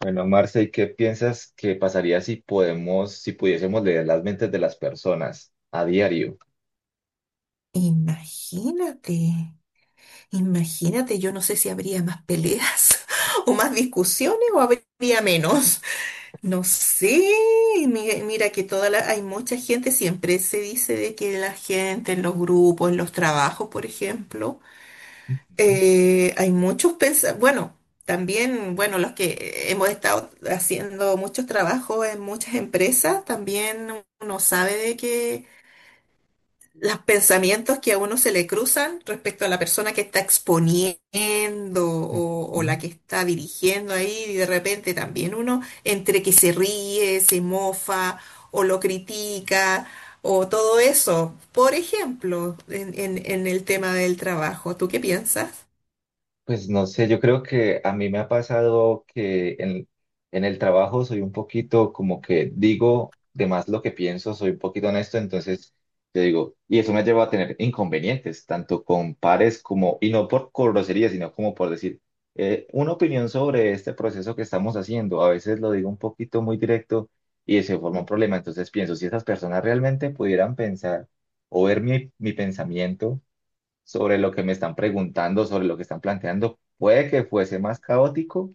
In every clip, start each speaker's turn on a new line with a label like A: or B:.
A: Bueno, Marce, ¿y qué piensas que pasaría si pudiésemos leer las mentes de las personas a diario?
B: Imagínate, imagínate, yo no sé si habría más peleas o más discusiones o habría menos. No sé, mira, que hay mucha gente, siempre se dice de que la gente en los grupos, en los trabajos, por ejemplo,
A: Ujú,
B: hay muchos pensamientos. Bueno, también, bueno, los que hemos estado haciendo muchos trabajos en muchas empresas, también uno sabe de que los pensamientos que a uno se le cruzan respecto a la persona que está exponiendo o
A: ujú.
B: la que está dirigiendo ahí, y de repente también uno entre que se ríe, se mofa o lo critica o todo eso. Por ejemplo, en el tema del trabajo, ¿tú qué piensas?
A: Pues no sé, yo creo que a mí me ha pasado en el trabajo soy un poquito como que digo de más lo que pienso, soy un poquito honesto, entonces te digo, y eso me lleva a tener inconvenientes, tanto con pares como, y no por grosería, sino como por decir, una opinión sobre este proceso que estamos haciendo. A veces lo digo un poquito muy directo y se forma un problema, entonces pienso, si esas personas realmente pudieran pensar o ver mi pensamiento sobre lo que me están preguntando, sobre lo que están planteando, puede que fuese más caótico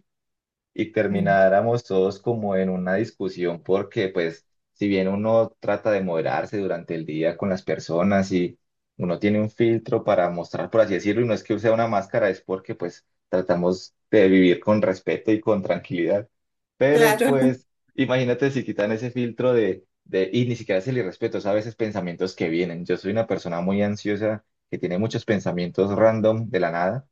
A: y
B: Mm,
A: termináramos todos como en una discusión porque pues si bien uno trata de moderarse durante el día con las personas y uno tiene un filtro para mostrar, por así decirlo, y no es que sea una máscara, es porque pues tratamos de vivir con respeto y con tranquilidad. Pero
B: Claro.
A: pues, imagínate si quitan ese filtro y ni siquiera es el irrespeto, es a veces pensamientos que vienen. Yo soy una persona muy ansiosa que tiene muchos pensamientos random de la nada.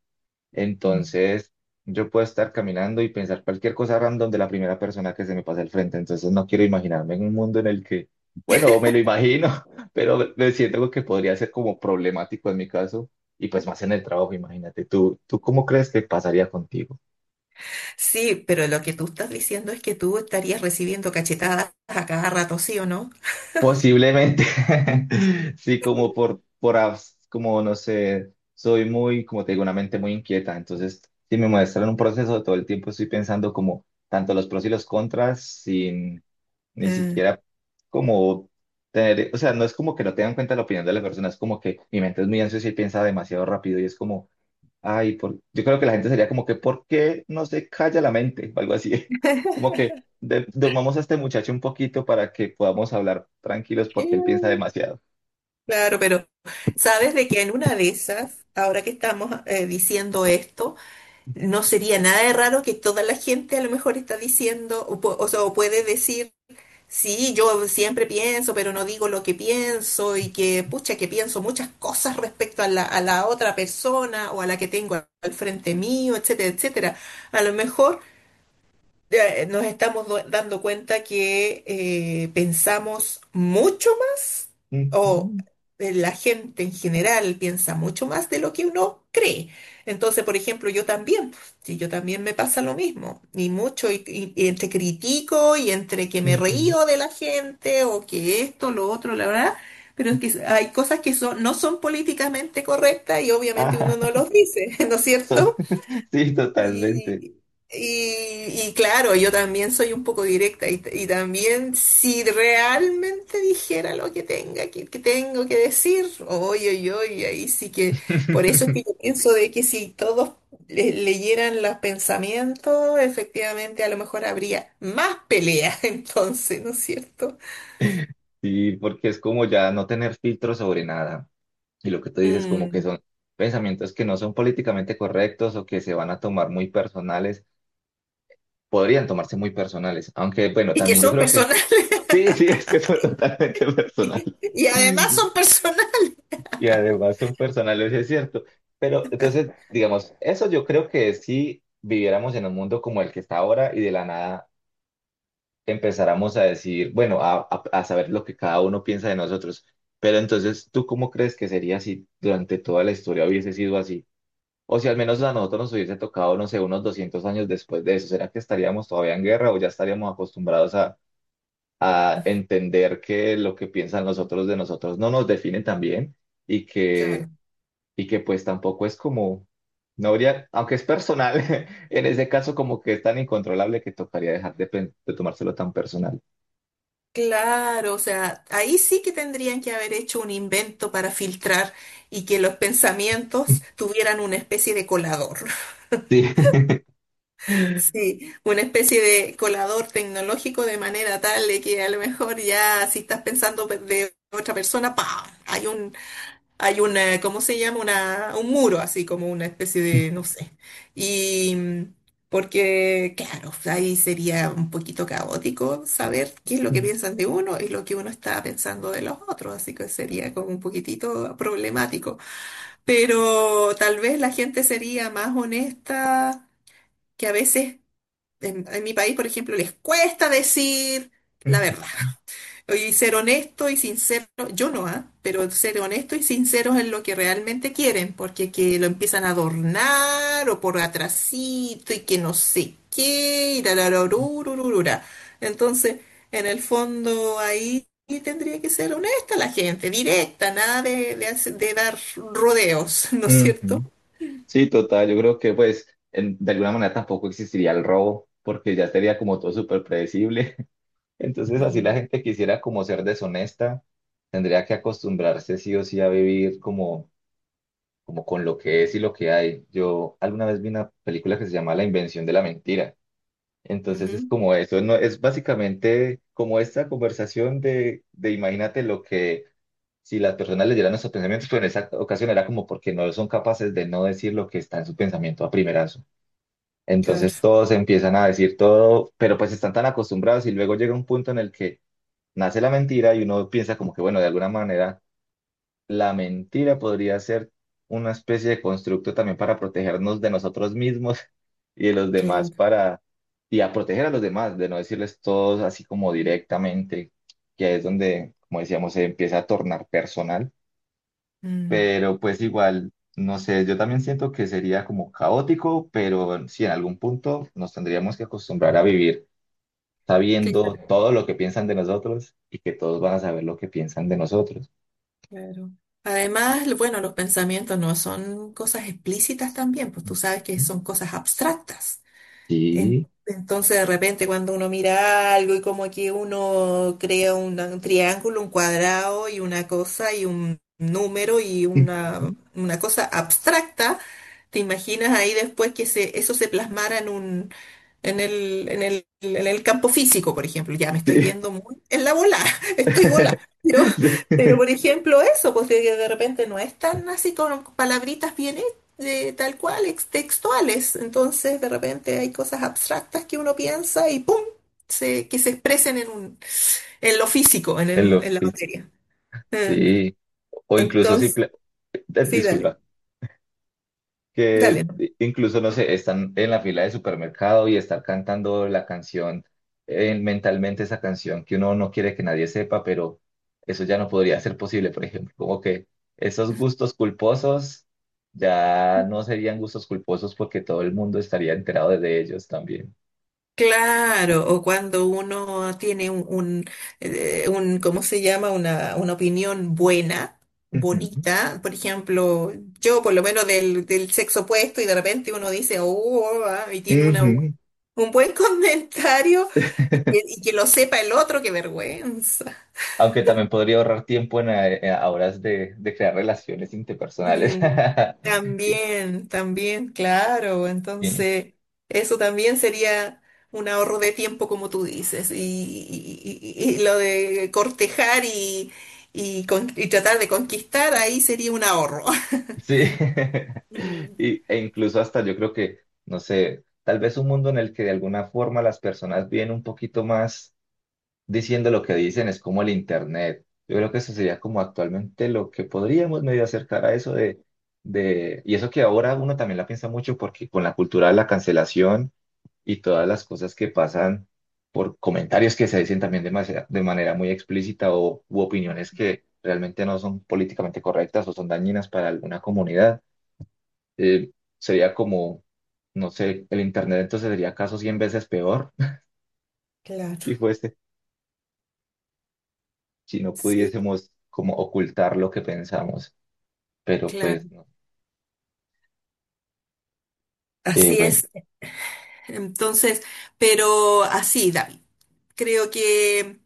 B: mm.
A: Entonces, yo puedo estar caminando y pensar cualquier cosa random de la primera persona que se me pase al frente. Entonces, no quiero imaginarme en un mundo en el que, bueno, me lo imagino, pero me siento algo que podría ser como problemático en mi caso. Y pues más en el trabajo, imagínate, ¿tú cómo crees que pasaría contigo?
B: Sí, pero lo que tú estás diciendo es que tú estarías recibiendo cachetadas a cada rato, ¿sí o no?
A: Posiblemente, sí, como como no sé, soy muy, como te digo, una mente muy inquieta, entonces si me muestran un proceso, todo el tiempo estoy pensando como tanto los pros y los contras, sin ni siquiera como o sea, no es como que no tengan en cuenta la opinión de la persona, es como que mi mente es muy ansiosa y piensa demasiado rápido y es como, ay, yo creo que la gente sería como que, ¿por qué no se calla la mente? O algo así. Como que durmamos a este muchacho un poquito para que podamos hablar tranquilos porque él piensa
B: Eh.
A: demasiado.
B: Claro, pero sabes de que en una de esas, ahora que estamos diciendo esto, no sería nada de raro que toda la gente a lo mejor está diciendo, o, o sea, o puede decir, sí, yo siempre pienso, pero no digo lo que pienso y que, pucha, que pienso muchas cosas respecto a a la otra persona o a la que tengo al frente mío, etcétera, etcétera. A lo mejor ya, nos estamos dando cuenta que pensamos mucho más, o
A: Ujú,
B: la gente en general piensa mucho más de lo que uno cree. Entonces, por ejemplo, yo también, si yo también me pasa lo mismo, y mucho, y entre critico y entre que me
A: ujú.
B: río de la gente, o que esto, lo otro, la verdad. Pero es que hay cosas que son, no son políticamente correctas y obviamente uno
A: Ajá,
B: no los dice, ¿no es cierto?
A: sí, totalmente.
B: Y, y claro, yo también soy un poco directa y también si realmente dijera lo que que tengo que decir, oye, oye, oye, ahí sí que, por eso es que yo pienso de que si todos leyeran los pensamientos, efectivamente a lo mejor habría más peleas. Entonces, ¿no es cierto?
A: Sí, porque es como ya no tener filtro sobre nada. Y lo que tú dices, como que
B: Mm.
A: son pensamientos que no son políticamente correctos o que se van a tomar muy personales, podrían tomarse muy personales. Aunque, bueno,
B: Y que
A: también yo
B: son
A: creo que
B: personales,
A: sí, sí, es que son totalmente personales.
B: y además son personales.
A: Y además son personales, es cierto. Pero entonces, digamos, eso yo creo que si viviéramos en un mundo como el que está ahora y de la nada empezáramos a decir, bueno, a saber lo que cada uno piensa de nosotros. Pero entonces, ¿tú cómo crees que sería si durante toda la historia hubiese sido así? O si al menos a nosotros nos hubiese tocado, no sé, unos 200 años después de eso, ¿será que estaríamos todavía en guerra o ya estaríamos acostumbrados a entender que lo que piensan los otros de nosotros no nos define también y
B: Claro.
A: que, y que pues tampoco es como, no habría, aunque es personal, en ese caso como que es tan incontrolable que tocaría dejar de tomárselo tan personal.
B: Claro, o sea, ahí sí que tendrían que haber hecho un invento para filtrar y que los pensamientos tuvieran una especie de colador.
A: Sí.
B: Sí, una especie de colador tecnológico de manera tal de que a lo mejor ya si estás pensando de otra persona, ¡pam! Hay un, hay una, ¿cómo se llama? Un muro, así como una especie de, no sé. Y mm, porque, claro, ahí sería un poquito caótico saber qué es lo que piensan de uno y lo que uno está pensando de los otros, así que sería como un poquitito problemático. Pero tal vez la gente sería más honesta, que a veces en mi país, por ejemplo, les cuesta decir la verdad. Oye, y ser honesto y sincero, yo no, ¿ah? Pero ser honesto y sinceros en lo que realmente quieren, porque que lo empiezan a adornar o por atrasito y que no sé qué, y tararorurururura. Entonces, en el fondo ahí tendría que ser honesta la gente, directa, nada de de dar rodeos, ¿no es cierto?
A: Ujú. Sí, total, yo creo que pues de alguna manera tampoco existiría el robo porque ya sería como todo súper predecible. Entonces, así la
B: Mm,
A: gente quisiera como ser deshonesta, tendría que acostumbrarse sí o sí a vivir como, como con lo que es y lo que hay. Yo alguna vez vi una película que se llama La invención de la mentira. Entonces es
B: ujú,
A: como eso, no, es básicamente como esta conversación de imagínate lo que si las personas leyeran nuestros pensamientos, pero en esa ocasión era como porque no son capaces de no decir lo que está en su pensamiento a primerazo.
B: Claro,
A: Entonces todos empiezan a decir todo, pero pues están tan acostumbrados y luego llega un punto en el que nace la mentira y uno piensa como que, bueno, de alguna manera la mentira podría ser una especie de constructo también para protegernos de nosotros mismos y de los demás
B: claro.
A: para, y a proteger a los demás, de no decirles todos así como directamente, que es donde, como decíamos, se empieza a tornar personal,
B: mm,
A: pero pues igual. No sé, yo también siento que sería como caótico, pero si en algún punto nos tendríamos que acostumbrar a vivir sabiendo
B: claro,
A: todo lo que piensan de nosotros y que todos van a saber lo que piensan de nosotros.
B: claro. Además, bueno, los pensamientos no son cosas explícitas también, pues tú sabes que
A: Ujú.
B: son cosas abstractas. En-
A: Sí.
B: Entonces, de repente, cuando uno mira algo y como que uno crea un triángulo, un cuadrado y una cosa y un número y
A: Ujú.
B: una cosa abstracta, te imaginas ahí después que se, eso se plasmara en un, en el campo físico, por ejemplo. Ya me estoy
A: Sí.
B: yendo muy en la bola, estoy bola. Pero,
A: Sí.
B: pero por ejemplo, eso, pues de repente no es tan así con palabritas bien de tal cual, textuales. Entonces, de repente hay cosas abstractas que uno piensa y ¡pum! Se, que se expresen en un, en lo físico,
A: El
B: en la
A: oficio.
B: materia. Eh,
A: Sí. O incluso
B: Entonces,
A: simple,
B: sí, dale,
A: disculpa, que
B: dale.
A: incluso, no sé, están en la fila de supermercado y estar cantando la canción, mentalmente esa canción que uno no quiere que nadie sepa, pero eso ya no podría ser posible, por ejemplo, como que esos gustos culposos ya no serían gustos culposos porque todo el mundo estaría enterado de ellos también.
B: Claro, o cuando uno tiene ¿cómo se llama? Una opinión buena,
A: Ujú.
B: bonita. Por ejemplo, yo por lo menos del sexo opuesto y de repente uno dice, oh, ah", y tiene una,
A: Ujú.
B: un buen comentario. Y que lo sepa el otro, qué vergüenza.
A: Aunque también podría ahorrar tiempo en, a horas de crear relaciones interpersonales.
B: Mm, también, también, claro.
A: Y-
B: Entonces, eso también sería un ahorro de tiempo, como tú dices. Y lo de cortejar y tratar de conquistar, ahí sería un ahorro.
A: sí, y, e incluso hasta yo creo que, no sé, tal vez un mundo en el que de alguna forma las personas vienen un poquito más diciendo lo que dicen, es como el Internet. Yo creo que eso sería como actualmente lo que podríamos medio acercar a eso y eso que ahora uno también la piensa mucho porque con la cultura de la cancelación y todas las cosas que pasan por comentarios que se dicen también de manera muy explícita o u opiniones
B: Mm.
A: que realmente no son políticamente correctas o son dañinas para alguna comunidad eh, sería como, no sé, el Internet entonces sería acaso 100 veces peor
B: Claro,
A: si fuese, si no
B: sí,
A: pudiésemos como ocultar lo que pensamos, pero pues
B: claro.
A: no.
B: Así
A: Bueno.
B: es. Entonces, pero así, David. Creo que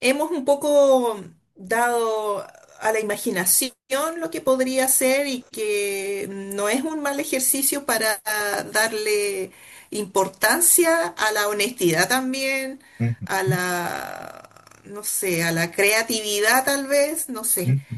B: hemos un poco dado a la imaginación lo que podría ser y que no es un mal ejercicio para darle importancia a la honestidad también, a la, no sé, a la creatividad tal vez, no sé.
A: Ujú,